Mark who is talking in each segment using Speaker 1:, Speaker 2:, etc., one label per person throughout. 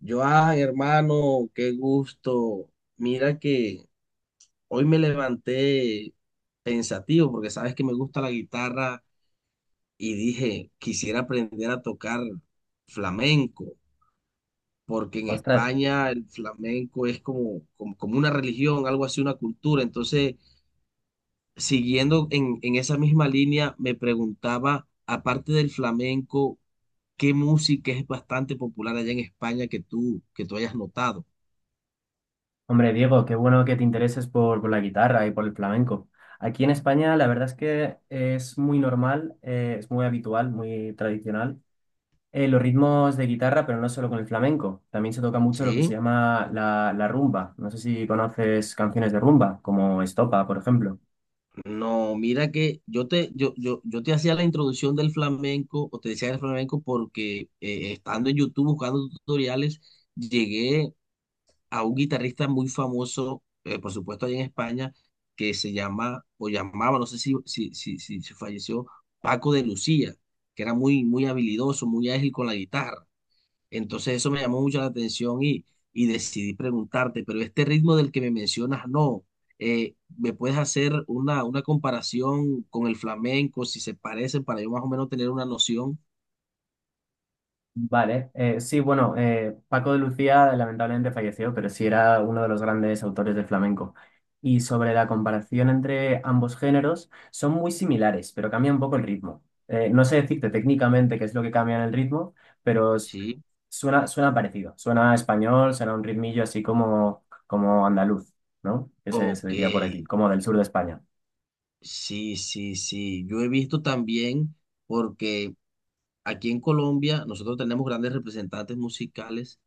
Speaker 1: Yo, ay, hermano, qué gusto. Mira que hoy me levanté pensativo porque sabes que me gusta la guitarra y dije, quisiera aprender a tocar flamenco, porque en
Speaker 2: Ostras,
Speaker 1: España el flamenco es como una religión, algo así, una cultura. Entonces, siguiendo en esa misma línea, me preguntaba, aparte del flamenco, ¿qué música es bastante popular allá en España que tú hayas notado?
Speaker 2: hombre Diego, qué bueno que te intereses por la guitarra y por el flamenco. Aquí en España la verdad es que es muy normal, es muy habitual, muy tradicional los ritmos de guitarra, pero no solo con el flamenco. También se toca mucho lo que se
Speaker 1: ¿Sí?
Speaker 2: llama la rumba. No sé si conoces canciones de rumba, como Estopa, por ejemplo.
Speaker 1: No, mira que yo te hacía la introducción del flamenco, o te decía del flamenco, porque estando en YouTube buscando tutoriales, llegué a un guitarrista muy famoso, por supuesto, allá en España, que se llama, o llamaba, no sé si falleció, Paco de Lucía, que era muy, muy habilidoso, muy ágil con la guitarra. Entonces eso me llamó mucho la atención y decidí preguntarte, pero este ritmo del que me mencionas, no. ¿Me puedes hacer una comparación con el flamenco, si se parecen, para yo más o menos tener una noción?
Speaker 2: Vale, sí, bueno, Paco de Lucía lamentablemente falleció, pero sí era uno de los grandes autores de flamenco. Y sobre la comparación entre ambos géneros, son muy similares, pero cambia un poco el ritmo. No sé decirte técnicamente qué es lo que cambia en el ritmo, pero
Speaker 1: Sí.
Speaker 2: suena parecido. Suena a español, suena a un ritmillo así como andaluz, ¿no? Que se
Speaker 1: Ok,
Speaker 2: diría por aquí, como del sur de España.
Speaker 1: sí, sí, sí. Yo he visto también, porque aquí en Colombia nosotros tenemos grandes representantes musicales.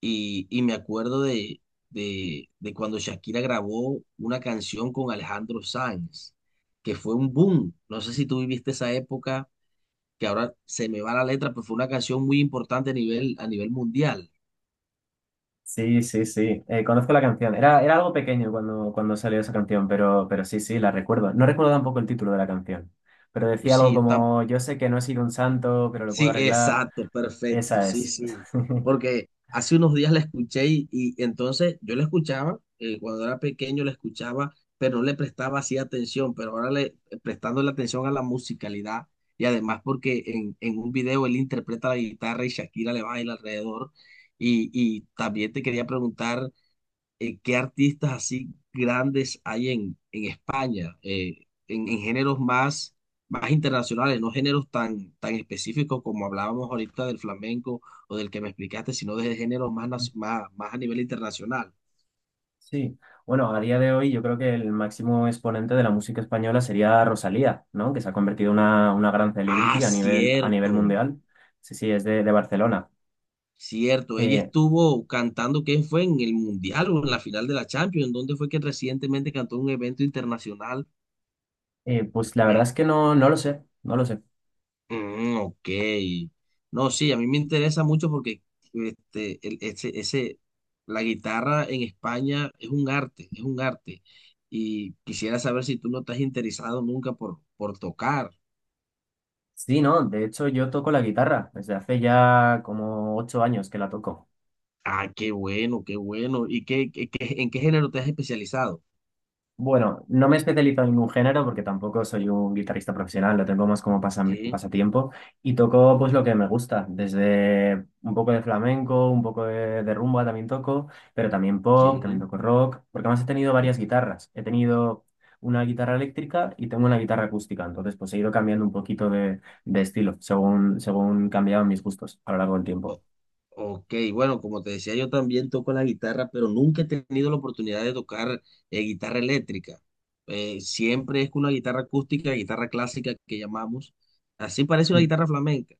Speaker 1: Y me acuerdo de cuando Shakira grabó una canción con Alejandro Sanz, que fue un boom. No sé si tú viviste esa época, que ahora se me va la letra, pero fue una canción muy importante a nivel mundial.
Speaker 2: Sí, sí, sí. Conozco la canción. Era algo pequeño cuando salió esa canción, pero sí, sí, la recuerdo. No recuerdo tampoco el título de la canción, pero
Speaker 1: Pues
Speaker 2: decía algo
Speaker 1: sí,
Speaker 2: como, yo sé que no he sido un santo, pero lo puedo
Speaker 1: sí,
Speaker 2: arreglar.
Speaker 1: exacto, perfecto,
Speaker 2: Esa
Speaker 1: sí,
Speaker 2: es.
Speaker 1: sí. Porque hace unos días la escuché y entonces yo la escuchaba, cuando era pequeño la escuchaba, pero no le prestaba así atención, pero ahora le prestando la atención a la musicalidad y además porque en un video él interpreta la guitarra y Shakira le baila alrededor. Y también te quería preguntar qué artistas así grandes hay en España, en géneros más internacionales, no géneros tan específicos como hablábamos ahorita del flamenco o del que me explicaste, sino de géneros más, más a nivel internacional.
Speaker 2: Sí. Bueno, a día de hoy yo creo que el máximo exponente de la música española sería Rosalía, ¿no? Que se ha convertido en una gran
Speaker 1: Ah,
Speaker 2: celebrity a nivel
Speaker 1: cierto,
Speaker 2: mundial. Sí, sí, es de Barcelona.
Speaker 1: cierto. Ella
Speaker 2: Eh,
Speaker 1: estuvo cantando, ¿qué fue? ¿En el Mundial o en la final de la Champions, donde fue que recientemente cantó en un evento internacional?
Speaker 2: pues la
Speaker 1: Me,
Speaker 2: verdad es que no, no lo sé, no lo sé.
Speaker 1: Mm, ok. No, sí, a mí me interesa mucho porque ese, la guitarra en España es un arte, es un arte. Y quisiera saber si tú no estás interesado nunca por tocar.
Speaker 2: Sí, no, de hecho yo toco la guitarra desde hace ya como 8 años que la toco.
Speaker 1: Ah, qué bueno, qué bueno. ¿Y qué en qué género te has especializado?
Speaker 2: Bueno, no me especializo en ningún género porque tampoco soy un guitarrista profesional, lo tengo más como
Speaker 1: Sí,
Speaker 2: pasatiempo y toco pues lo que me gusta, desde un poco de flamenco, un poco de rumba también toco, pero también pop, también
Speaker 1: sí.
Speaker 2: toco rock, porque además he tenido
Speaker 1: O-
Speaker 2: varias guitarras. He tenido una guitarra eléctrica y tengo una guitarra acústica, entonces pues he ido cambiando un poquito de estilo según cambiaban mis gustos a lo largo del tiempo.
Speaker 1: o- Ok, bueno, como te decía, yo también toco la guitarra, pero nunca he tenido la oportunidad de tocar guitarra eléctrica. Siempre es con una guitarra acústica, guitarra clásica que llamamos. Así parece una guitarra flamenca,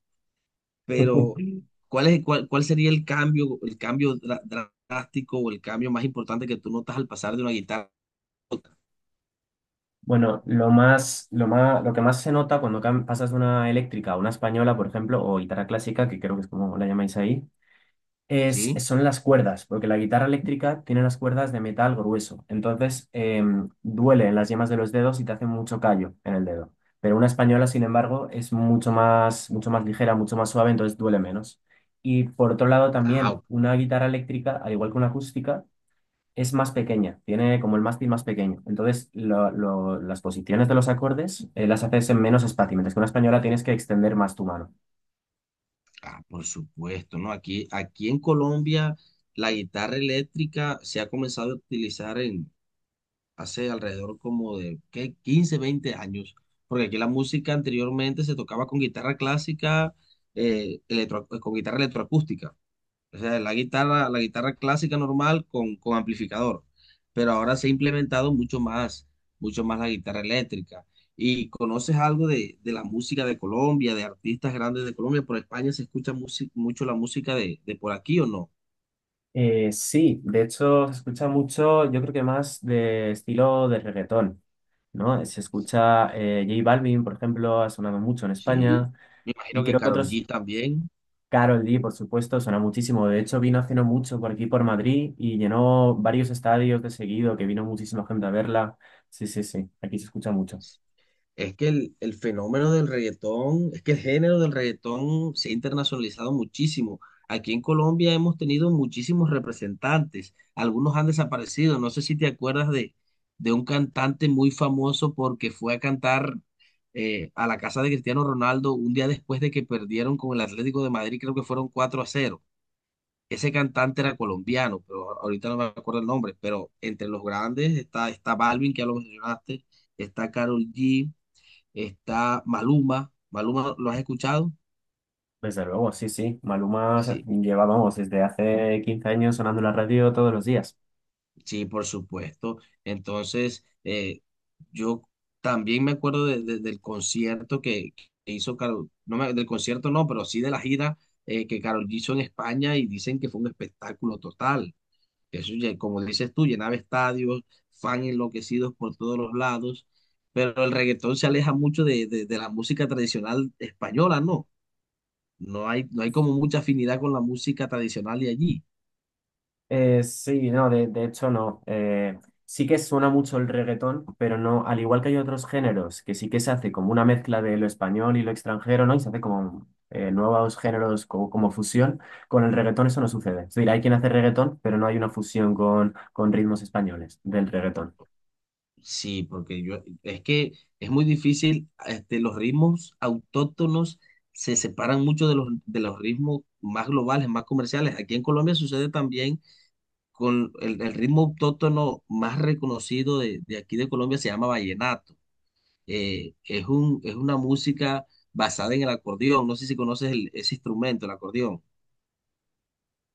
Speaker 1: pero ¿cuál es, cuál sería el cambio drástico o el cambio más importante que tú notas al pasar de una guitarra?
Speaker 2: Bueno, lo que más se nota cuando pasas de una eléctrica a una española, por ejemplo, o guitarra clásica, que creo que es como la llamáis ahí,
Speaker 1: ¿Sí?
Speaker 2: son las cuerdas, porque la guitarra eléctrica tiene las cuerdas de metal grueso, entonces duele en las yemas de los dedos y te hace mucho callo en el dedo. Pero una española, sin embargo, es mucho más ligera, mucho más suave, entonces duele menos. Y por otro lado,
Speaker 1: Ah,
Speaker 2: también
Speaker 1: o-
Speaker 2: una guitarra eléctrica, al igual que una acústica, es más pequeña, tiene como el mástil más pequeño. Entonces, las posiciones de los acordes las haces en menos espacio, mientras que una española tienes que extender más tu mano.
Speaker 1: ah, por supuesto, ¿no? Aquí, aquí en Colombia la guitarra eléctrica se ha comenzado a utilizar hace alrededor como de ¿qué? 15 o 20 años, porque aquí la música anteriormente se tocaba con guitarra clásica, con guitarra electroacústica, o sea, la guitarra clásica normal con amplificador, pero ahora se ha implementado mucho más la guitarra eléctrica. ¿Y conoces algo de la música de Colombia, de artistas grandes de Colombia? ¿Por España se escucha mucho la música de por aquí o no?
Speaker 2: Sí, de hecho, se escucha mucho, yo creo que más de estilo de reggaetón, ¿no? Se escucha J Balvin, por ejemplo, ha sonado mucho en
Speaker 1: Sí,
Speaker 2: España,
Speaker 1: me imagino
Speaker 2: y
Speaker 1: que
Speaker 2: creo que
Speaker 1: Karol
Speaker 2: otros,
Speaker 1: G también.
Speaker 2: Karol G, por supuesto, suena muchísimo. De hecho, vino hace no mucho por aquí, por Madrid, y llenó varios estadios de seguido, que vino muchísima gente a verla. Sí, sí, sí, aquí se escucha mucho.
Speaker 1: Es que el fenómeno del reggaetón, es que el género del reggaetón se ha internacionalizado muchísimo. Aquí en Colombia hemos tenido muchísimos representantes, algunos han desaparecido. No sé si te acuerdas de un cantante muy famoso porque fue a cantar a la casa de Cristiano Ronaldo un día después de que perdieron con el Atlético de Madrid, creo que fueron 4-0. Ese cantante era colombiano, pero ahorita no me acuerdo el nombre, pero entre los grandes está, está Balvin, que ya lo mencionaste, está Karol G, está Maluma. ¿Maluma lo has escuchado?
Speaker 2: Desde luego, sí, sí. Maluma
Speaker 1: Sí,
Speaker 2: lleva, vamos, desde hace 15 años sonando en la radio todos los días.
Speaker 1: sí, por supuesto. Entonces, yo también me acuerdo del concierto que hizo Karol, del concierto no, pero sí de la gira que Karol G hizo en España y dicen que fue un espectáculo total. Eso, ya- como dices tú, llenaba estadios, fans enloquecidos por todos los lados, pero el reggaetón se aleja mucho de de la música tradicional española, ¿no? No hay, no hay como mucha afinidad con la música tradicional de allí.
Speaker 2: Sí, no, de hecho no. Sí que suena mucho el reggaetón, pero no, al igual que hay otros géneros, que sí que se hace como una mezcla de lo español y lo extranjero, ¿no? Y se hace como nuevos géneros como, fusión. Con el reggaetón eso no sucede. Es decir, hay quien hace reggaetón, pero no hay una fusión con ritmos españoles del reggaetón.
Speaker 1: Sí, porque yo, es que es muy difícil, este, los ritmos autóctonos se separan mucho de los ritmos más globales, más comerciales. Aquí en Colombia sucede también con el ritmo autóctono más reconocido de aquí de Colombia, se llama vallenato. Es una música basada en el acordeón, no sé si conoces ese instrumento, el acordeón.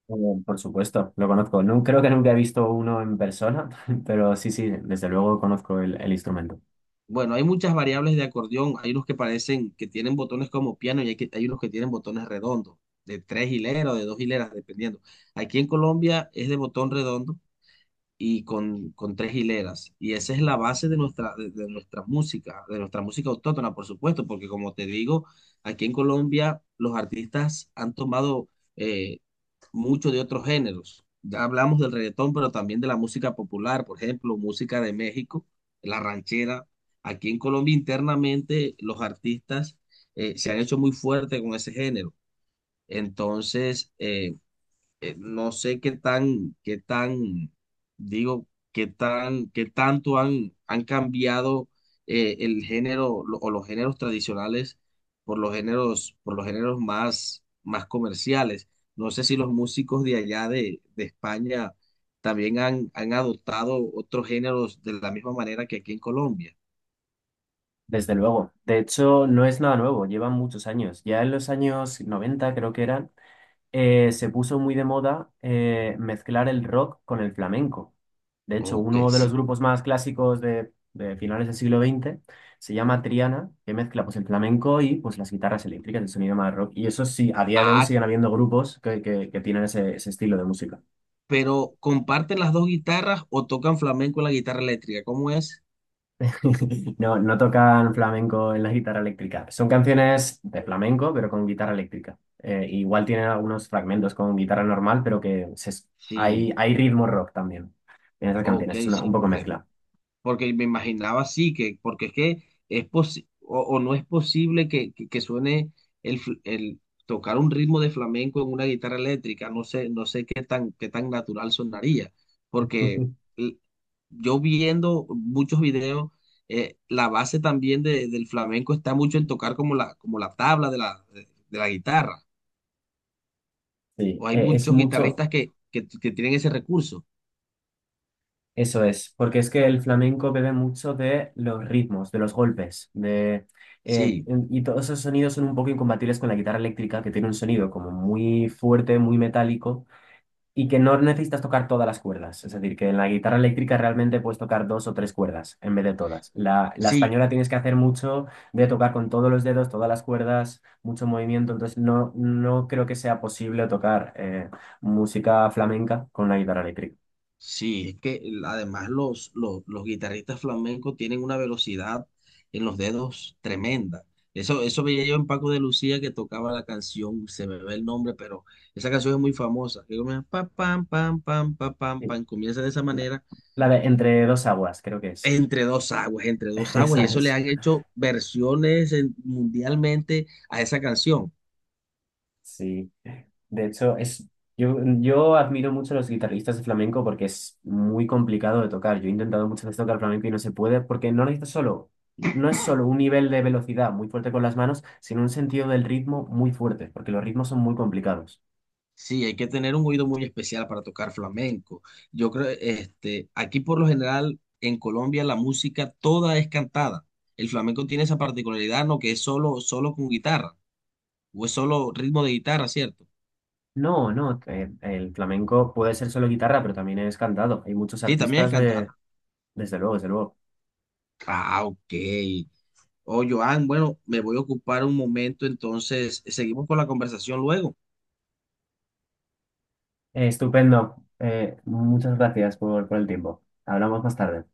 Speaker 2: Eh, Por supuesto, lo conozco. No, creo que nunca he visto uno en persona, pero sí, sí, desde luego conozco el instrumento.
Speaker 1: Bueno, hay muchas variables de acordeón. Hay unos que parecen que tienen botones como piano y hay, hay unos que tienen botones redondos, de tres hileras o de dos hileras, dependiendo. Aquí en Colombia es de botón redondo y con tres hileras. Y esa es la base de nuestra, de nuestra música autóctona, por supuesto, porque como te digo, aquí en Colombia los artistas han tomado eh, mucho de otros géneros. Ya hablamos del reggaetón, pero también de la música popular, por ejemplo, música de México, la ranchera. Aquí en Colombia internamente los artistas se han hecho muy fuerte con ese género. Entonces, no sé qué tan, digo, qué tan, qué tanto han, han cambiado el género lo- o los géneros tradicionales por los géneros más, más comerciales. No sé si los músicos de allá de España también han, han adoptado otros géneros de la misma manera que aquí en Colombia.
Speaker 2: Desde luego. De hecho, no es nada nuevo, llevan muchos años. Ya en los años 90 creo que eran, se puso muy de moda mezclar el rock con el flamenco. De hecho,
Speaker 1: Ok,
Speaker 2: uno de los
Speaker 1: sí.
Speaker 2: grupos más clásicos de finales del siglo XX se llama Triana, que mezcla pues, el flamenco y pues, las guitarras eléctricas, el sonido más rock. Y eso sí, a día de hoy
Speaker 1: Ah,
Speaker 2: siguen habiendo grupos que tienen ese estilo de música.
Speaker 1: pero ¿comparten las dos guitarras o tocan flamenco en la guitarra eléctrica? ¿Cómo es?
Speaker 2: No, no tocan flamenco en la guitarra eléctrica. Son canciones de flamenco, pero con guitarra eléctrica. Igual tienen algunos fragmentos con guitarra normal, pero que hay,
Speaker 1: Sí,
Speaker 2: hay ritmo rock también en esas
Speaker 1: ok,
Speaker 2: canciones. Es una, un
Speaker 1: sí,
Speaker 2: poco mezcla.
Speaker 1: porque me imaginaba así, que, porque es que es posi- o no es posible que suene el tocar un ritmo de flamenco en una guitarra eléctrica, no sé, no sé qué tan natural sonaría, porque l- yo viendo muchos videos, la base también del flamenco está mucho en tocar como la tabla de la, de la guitarra,
Speaker 2: Sí,
Speaker 1: o hay
Speaker 2: es
Speaker 1: muchos
Speaker 2: mucho,
Speaker 1: guitarristas que tienen ese recurso.
Speaker 2: eso es, porque es que el flamenco bebe mucho de los ritmos, de los golpes, de,
Speaker 1: Sí,
Speaker 2: y todos esos sonidos son un poco incompatibles con la guitarra eléctrica, que tiene un sonido como muy fuerte, muy metálico y que no necesitas tocar todas las cuerdas. Es decir, que en la guitarra eléctrica realmente puedes tocar dos o tres cuerdas en vez de todas. La
Speaker 1: sí,
Speaker 2: española tienes que hacer mucho de tocar con todos los dedos, todas las cuerdas, mucho movimiento. Entonces no, no creo que sea posible tocar música flamenca con una guitarra eléctrica.
Speaker 1: sí, es que además los, los guitarristas flamencos tienen una velocidad en los dedos tremenda. Eso veía yo en Paco de Lucía que tocaba la canción, se me ve el nombre, pero esa canción es muy famosa. Que comienza pa, pam, pam, pam, pa, pam,
Speaker 2: Sí,
Speaker 1: pam, comienza de esa
Speaker 2: La
Speaker 1: manera,
Speaker 2: la de Entre dos aguas, creo que es.
Speaker 1: entre dos aguas,
Speaker 2: Esa
Speaker 1: y eso le
Speaker 2: es.
Speaker 1: han hecho versiones mundialmente a esa canción.
Speaker 2: Sí, de hecho, yo admiro mucho a los guitarristas de flamenco porque es muy complicado de tocar. Yo he intentado muchas veces tocar flamenco y no se puede porque no necesitas solo, no es solo un nivel de velocidad muy fuerte con las manos, sino un sentido del ritmo muy fuerte, porque los ritmos son muy complicados.
Speaker 1: Sí, hay que tener un oído muy especial para tocar flamenco. Yo creo, este, aquí por lo general en Colombia la música toda es cantada. El flamenco tiene esa particularidad, ¿no? Que es solo, solo con guitarra, o es solo ritmo de guitarra, ¿cierto?
Speaker 2: No, no, el flamenco puede ser solo guitarra, pero también es cantado. Hay muchos
Speaker 1: Sí, también es
Speaker 2: artistas de,
Speaker 1: cantado.
Speaker 2: desde luego, desde luego.
Speaker 1: Ah, ok. Oh, Joan, bueno, me voy a ocupar un momento, entonces seguimos con la conversación luego.
Speaker 2: Estupendo. Muchas gracias por el tiempo. Hablamos más tarde.